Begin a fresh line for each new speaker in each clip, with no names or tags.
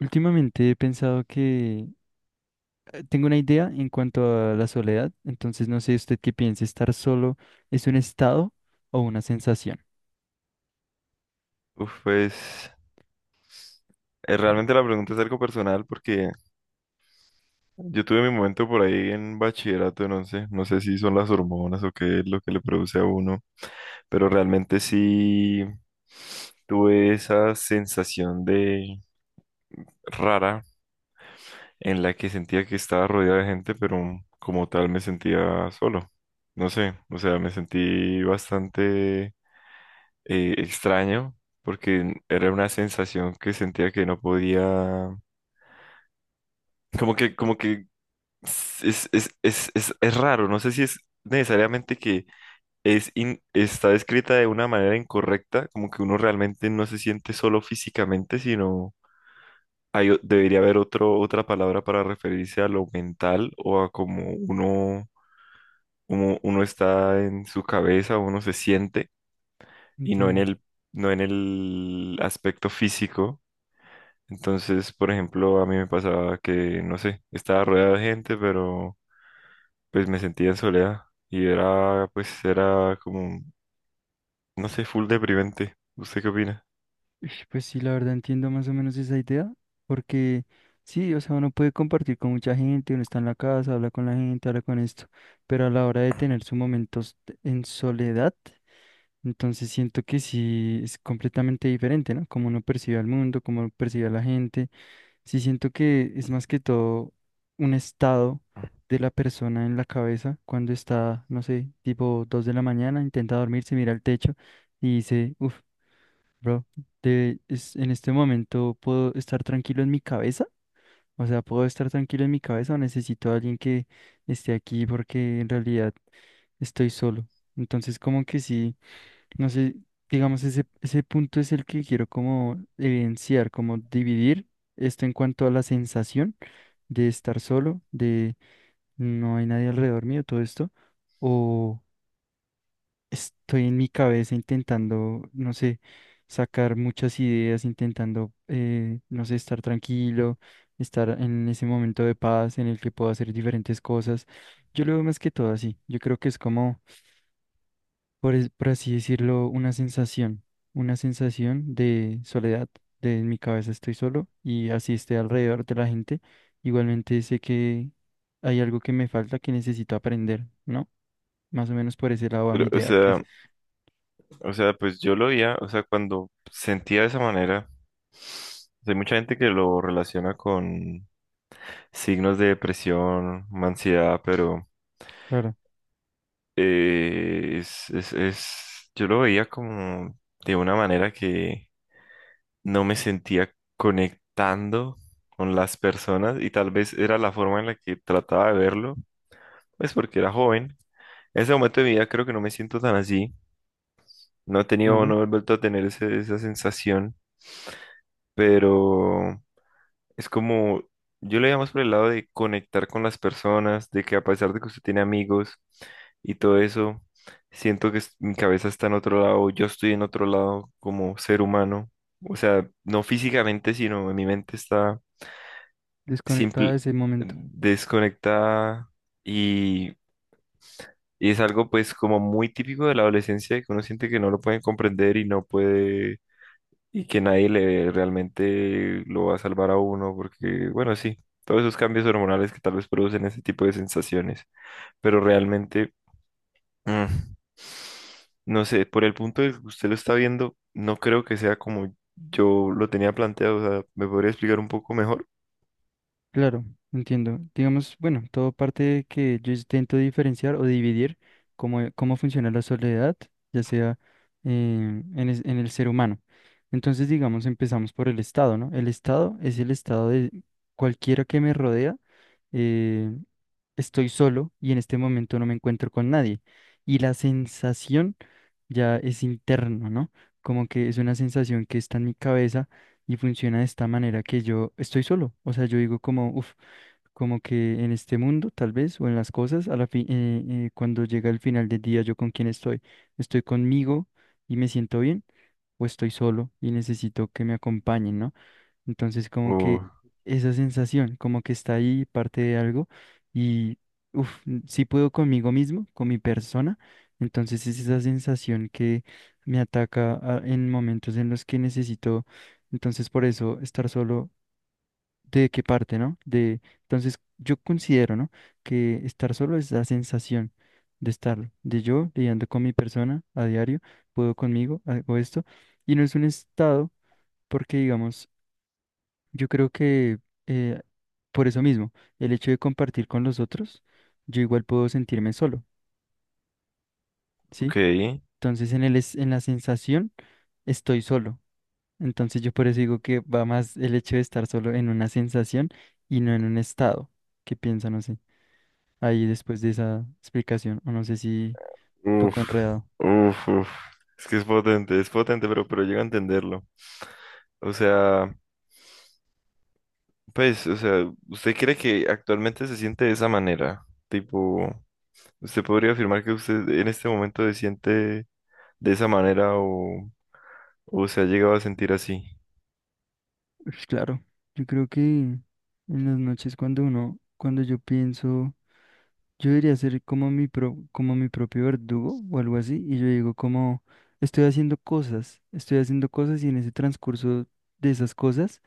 Últimamente he pensado que tengo una idea en cuanto a la soledad. Entonces no sé usted qué piensa, ¿estar solo es un estado o una sensación?
Uf, pues realmente la pregunta es algo personal porque yo tuve mi momento por ahí en bachillerato, no sé, no sé si son las hormonas o qué es lo que le produce a uno, pero realmente sí tuve esa sensación de rara en la que sentía que estaba rodeado de gente, pero como tal me sentía solo. No sé, o sea, me sentí bastante extraño porque era una sensación que sentía que no podía, como que es raro, no sé si es necesariamente que está escrita de una manera incorrecta, como que uno realmente no se siente solo físicamente, sino debería haber otro, otra palabra para referirse a lo mental o a cómo uno, uno está en su cabeza, uno se siente y no en
Entiendo.
el, no en el aspecto físico. Entonces, por ejemplo, a mí me pasaba que, no sé, estaba rodeado de gente, pero pues me sentía en soledad y era, pues era como, no sé, full deprimente. ¿Usted qué opina?
Ish, pues sí, la verdad entiendo más o menos esa idea, porque sí, o sea, uno puede compartir con mucha gente, uno está en la casa, habla con la gente, habla con esto, pero a la hora de tener sus momentos en soledad, entonces siento que sí es completamente diferente, ¿no? Como uno percibe al mundo, como uno percibe a la gente, sí siento que es más que todo un estado de la persona en la cabeza cuando está, no sé, tipo 2 de la mañana, intenta dormirse, mira al techo y dice, uff. Bro, en este momento puedo estar tranquilo en mi cabeza, o sea, puedo estar tranquilo en mi cabeza o necesito a alguien que esté aquí porque en realidad estoy solo. Entonces, como que sí, no sé, digamos, ese punto es el que quiero como evidenciar, como dividir esto en cuanto a la sensación de estar solo, de no hay nadie alrededor mío, todo esto. Estoy en mi cabeza intentando, no sé, sacar muchas ideas, intentando, no sé, estar tranquilo, estar en ese momento de paz en el que puedo hacer diferentes cosas. Yo lo veo más que todo así. Yo creo que es como, por así decirlo, una sensación de soledad, de en mi cabeza estoy solo y así esté alrededor de la gente. Igualmente sé que hay algo que me falta que necesito aprender, ¿no? Más o menos por ese lado a mi
Pero,
idea, que es,
o sea, pues yo lo veía, o sea, cuando sentía de esa manera, hay mucha gente que lo relaciona con signos de depresión, ansiedad, pero
claro,
yo lo veía como de una manera que no me sentía conectando con las personas y tal vez era la forma en la que trataba de verlo, pues porque era joven. En ese momento de mi vida creo que no me siento tan así. No he tenido,
entiendo.
no he vuelto a tener esa sensación, pero es como, yo lo llamo por el lado de conectar con las personas, de que a pesar de que usted tiene amigos y todo eso, siento que mi cabeza está en otro lado, yo estoy en otro lado como ser humano. O sea, no físicamente, sino en mi mente está
Desconectada
simple,
de ese momento.
desconectada. Y, y es algo pues como muy típico de la adolescencia que uno siente que no lo pueden comprender y no puede y que nadie le realmente lo va a salvar a uno porque bueno, sí, todos esos cambios hormonales que tal vez producen ese tipo de sensaciones, pero realmente mm, no sé, por el punto de que usted lo está viendo, no creo que sea como yo lo tenía planteado. O sea, ¿me podría explicar un poco mejor?
Claro, entiendo. Digamos, bueno, todo parte de que yo intento diferenciar o dividir cómo, cómo funciona la soledad, ya sea en el ser humano. Entonces, digamos, empezamos por el estado, ¿no? El estado es el estado de cualquiera que me rodea. eh, Estoy solo y en este momento no me encuentro con nadie. Y la sensación ya es interno, ¿no? Como que es una sensación que está en mi cabeza y funciona de esta manera que yo estoy solo. O sea, yo digo como, uff, como que en este mundo tal vez o en las cosas, cuando llega el final del día, ¿yo con quién estoy? ¿Estoy conmigo y me siento bien? ¿O estoy solo y necesito que me acompañen?, ¿no? Entonces, como que
Oh,
esa sensación, como que está ahí parte de algo y, uff, si puedo conmigo mismo, con mi persona, entonces es esa sensación que me ataca en momentos en los que necesito. Entonces por eso estar solo, ¿de qué parte, no? De, entonces yo considero, ¿no?, que estar solo es la sensación de estarlo, de yo lidiando con mi persona a diario, puedo conmigo, hago esto, y no es un estado, porque digamos, yo creo que eh, por eso mismo, el hecho de compartir con los otros, yo igual puedo sentirme solo, ¿sí?
ok.
Entonces en el en la sensación estoy solo. Entonces yo por eso digo que va más el hecho de estar solo en una sensación y no en un estado. ¿Qué piensa? No sé. Ahí después de esa explicación, o no sé si un poco
Uf,
enredado.
uf, uf. Es que es potente, pero llego a entenderlo. O sea, pues, o sea, ¿usted cree que actualmente se siente de esa manera? Tipo, ¿usted podría afirmar que usted en este momento se siente de esa manera o se ha llegado a sentir así?
Pues claro, yo creo que en las noches cuando uno, cuando yo pienso, yo debería ser como mi, como mi propio verdugo o algo así, y yo digo como, estoy haciendo cosas y en ese transcurso de esas cosas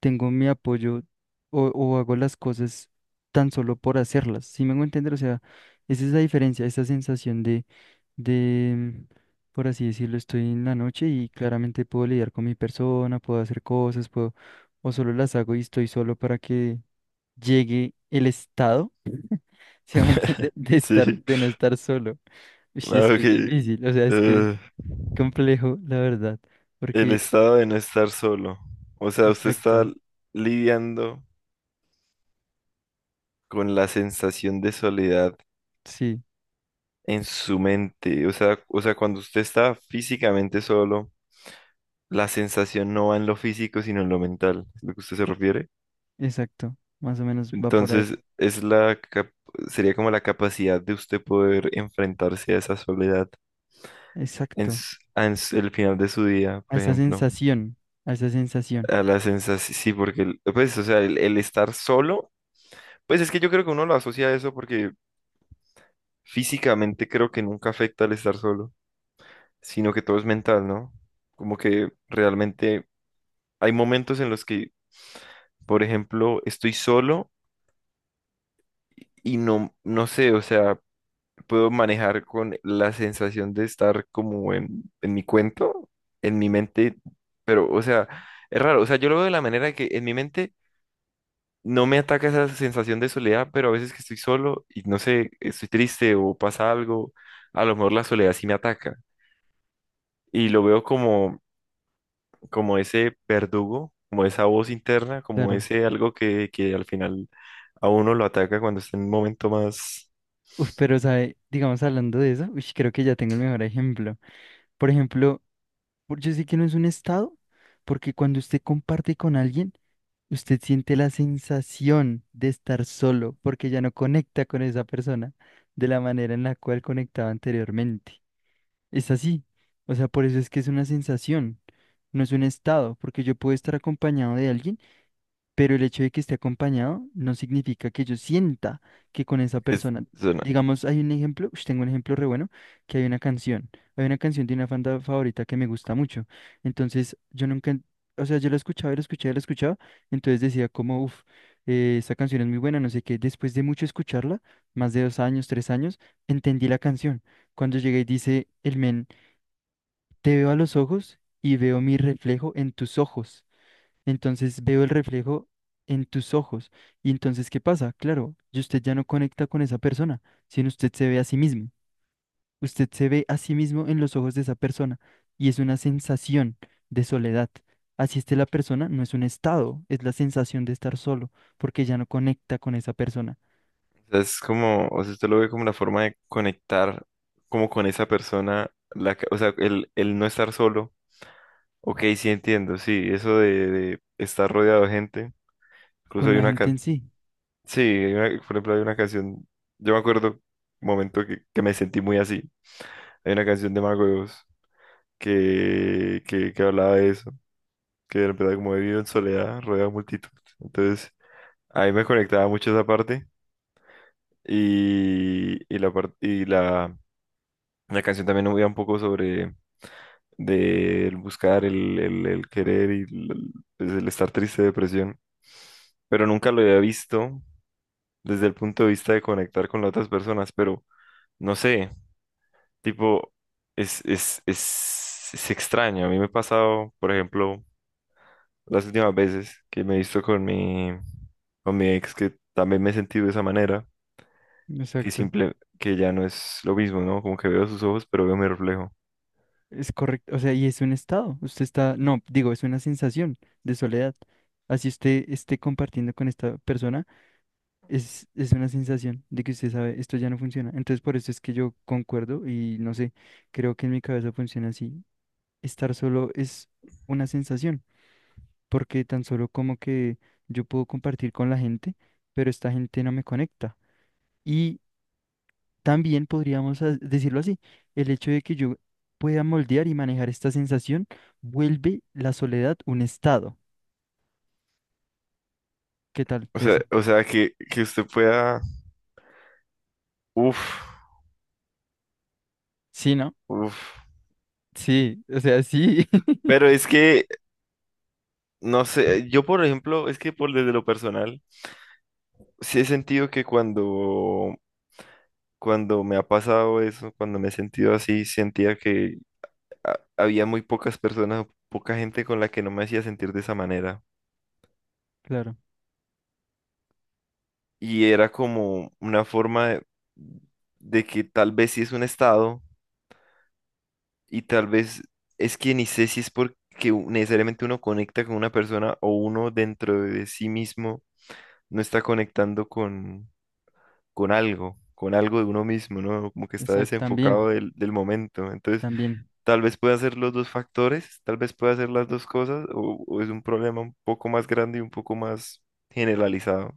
tengo mi apoyo o hago las cosas tan solo por hacerlas, ¿si me hago entender? O sea, esa es la diferencia, esa sensación de, por así decirlo, estoy en la noche y claramente puedo lidiar con mi persona, puedo hacer cosas, puedo, o solo las hago y estoy solo para que llegue el estado. ¿Sí me entiende? De estar,
Sí.
de no estar solo. Uy, sí, es
Ah,
que
ok.
es difícil, o sea, es que es
Eh,
complejo, la verdad.
el
Porque,
estado de no estar solo. O sea, usted está
exacto,
lidiando con la sensación de soledad
sí,
en su mente. O sea, cuando usted está físicamente solo, la sensación no va en lo físico, sino en lo mental, ¿es lo que usted se refiere?
exacto. Más o menos va por ahí.
Entonces, sería como la capacidad de usted poder enfrentarse a esa soledad en,
Exacto.
el final de su día,
A
por
esa
ejemplo.
sensación, a esa sensación,
A la sensación, sí, porque, pues, o sea, el estar solo, pues es que yo creo que uno lo asocia a eso porque físicamente creo que nunca afecta el estar solo, sino que todo es mental, ¿no? Como que realmente hay momentos en los que, por ejemplo, estoy solo y no sé, o sea, puedo manejar con la sensación de estar como en mi cuento, en mi mente, pero, o sea, es raro, o sea, yo lo veo de la manera que en mi mente no me ataca esa sensación de soledad, pero a veces que estoy solo y no sé, estoy triste o pasa algo, a lo mejor la soledad sí me ataca. Y lo veo como, como ese verdugo, como esa voz interna, como
claro.
ese algo que al final a uno lo ataca cuando está en un momento más.
Uf, pero, ¿sabe? Digamos, hablando de eso, uy, creo que ya tengo el mejor ejemplo. Por ejemplo, yo sé que no es un estado, porque cuando usted comparte con alguien, usted siente la sensación de estar solo porque ya no conecta con esa persona de la manera en la cual conectaba anteriormente. Es así. O sea, por eso es que es una sensación, no es un estado, porque yo puedo estar acompañado de alguien pero el hecho de que esté acompañado no significa que yo sienta que con esa
Es,
persona,
suena-
digamos, hay un ejemplo, ush, tengo un ejemplo re bueno, que hay una canción de una banda favorita que me gusta mucho, entonces yo nunca, o sea, yo la escuchaba, y la escuchaba, y la escuchaba, entonces decía como, uff, esta canción es muy buena, no sé qué, después de mucho escucharla, más de 2 años, 3 años, entendí la canción, cuando llegué y dice, el men, te veo a los ojos y veo mi reflejo en tus ojos. Entonces veo el reflejo en tus ojos. Y entonces, ¿qué pasa? Claro, y usted ya no conecta con esa persona, sino usted se ve a sí mismo. Usted se ve a sí mismo en los ojos de esa persona. Y es una sensación de soledad. Así esté la persona, no es un estado, es la sensación de estar solo, porque ya no conecta con esa persona,
es como, o sea, usted lo ve como una forma de conectar como con esa persona, o sea, el no estar solo. Ok, sí entiendo, sí, eso de estar rodeado de gente. Incluso
con
hay
la
una
gente en
canción,
sí.
sí, por ejemplo, hay una canción, yo me acuerdo un momento que me sentí muy así. Hay una canción de Mago de Oz que hablaba de eso, que de verdad como he vivido en soledad, rodeado de multitud. Entonces, ahí me conectaba mucho esa parte y la canción también habla un poco sobre de el buscar, el querer y el, pues, el estar triste, depresión, pero nunca lo había visto desde el punto de vista de conectar con las otras personas, pero no sé, tipo, es extraño. A mí me ha pasado, por ejemplo, las últimas veces que me he visto con mi ex, que también me he sentido de esa manera, que
Exacto.
simple, que ya no es lo mismo, ¿no? Como que veo sus ojos, pero veo mi reflejo.
Es correcto. O sea, y es un estado. Usted está, no, digo, es una sensación de soledad. Así usted esté compartiendo con esta persona, es una sensación de que usted sabe, esto ya no funciona. Entonces, por eso es que yo concuerdo y no sé, creo que en mi cabeza funciona así. Estar solo es una sensación, porque tan solo como que yo puedo compartir con la gente, pero esta gente no me conecta. Y también podríamos decirlo así, el hecho de que yo pueda moldear y manejar esta sensación vuelve la soledad un estado. ¿Qué tal eso?
O sea que usted pueda. Uf,
Sí, ¿no?
uf.
Sí, o sea, sí.
Pero es que, no sé, yo por ejemplo, es que por desde lo personal, sí he sentido que cuando, cuando me ha pasado eso, cuando me he sentido así, sentía que había muy pocas personas, poca gente con la que no me hacía sentir de esa manera.
Claro,
Y era como una forma de que tal vez sí es un estado y tal vez es que ni sé si es porque necesariamente uno conecta con una persona o uno dentro de sí mismo no está conectando con algo de uno mismo, ¿no? Como que está
exacto,
desenfocado
también.
del, del momento. Entonces,
También,
tal vez pueda ser los dos factores, tal vez pueda ser las dos cosas o es un problema un poco más grande y un poco más generalizado.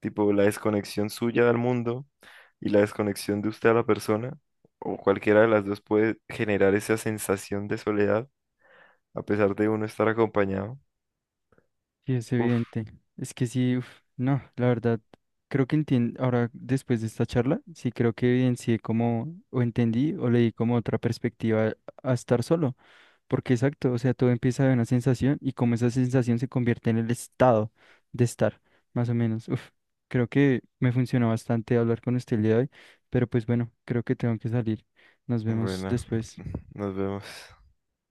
Tipo la desconexión suya del mundo y la desconexión de usted a la persona, o cualquiera de las dos puede generar esa sensación de soledad a pesar de uno estar acompañado.
sí, es
Uf,
evidente. Es que sí, uf, no, la verdad, creo que entiendo, ahora después de esta charla, sí creo que evidencié como, o entendí, o leí como otra perspectiva a estar solo, porque exacto, o sea, todo empieza de una sensación y como esa sensación se convierte en el estado de estar, más o menos. Uf, creo que me funcionó bastante hablar con usted el día de hoy, pero pues bueno, creo que tengo que salir. Nos vemos
bueno,
después.
nos vemos.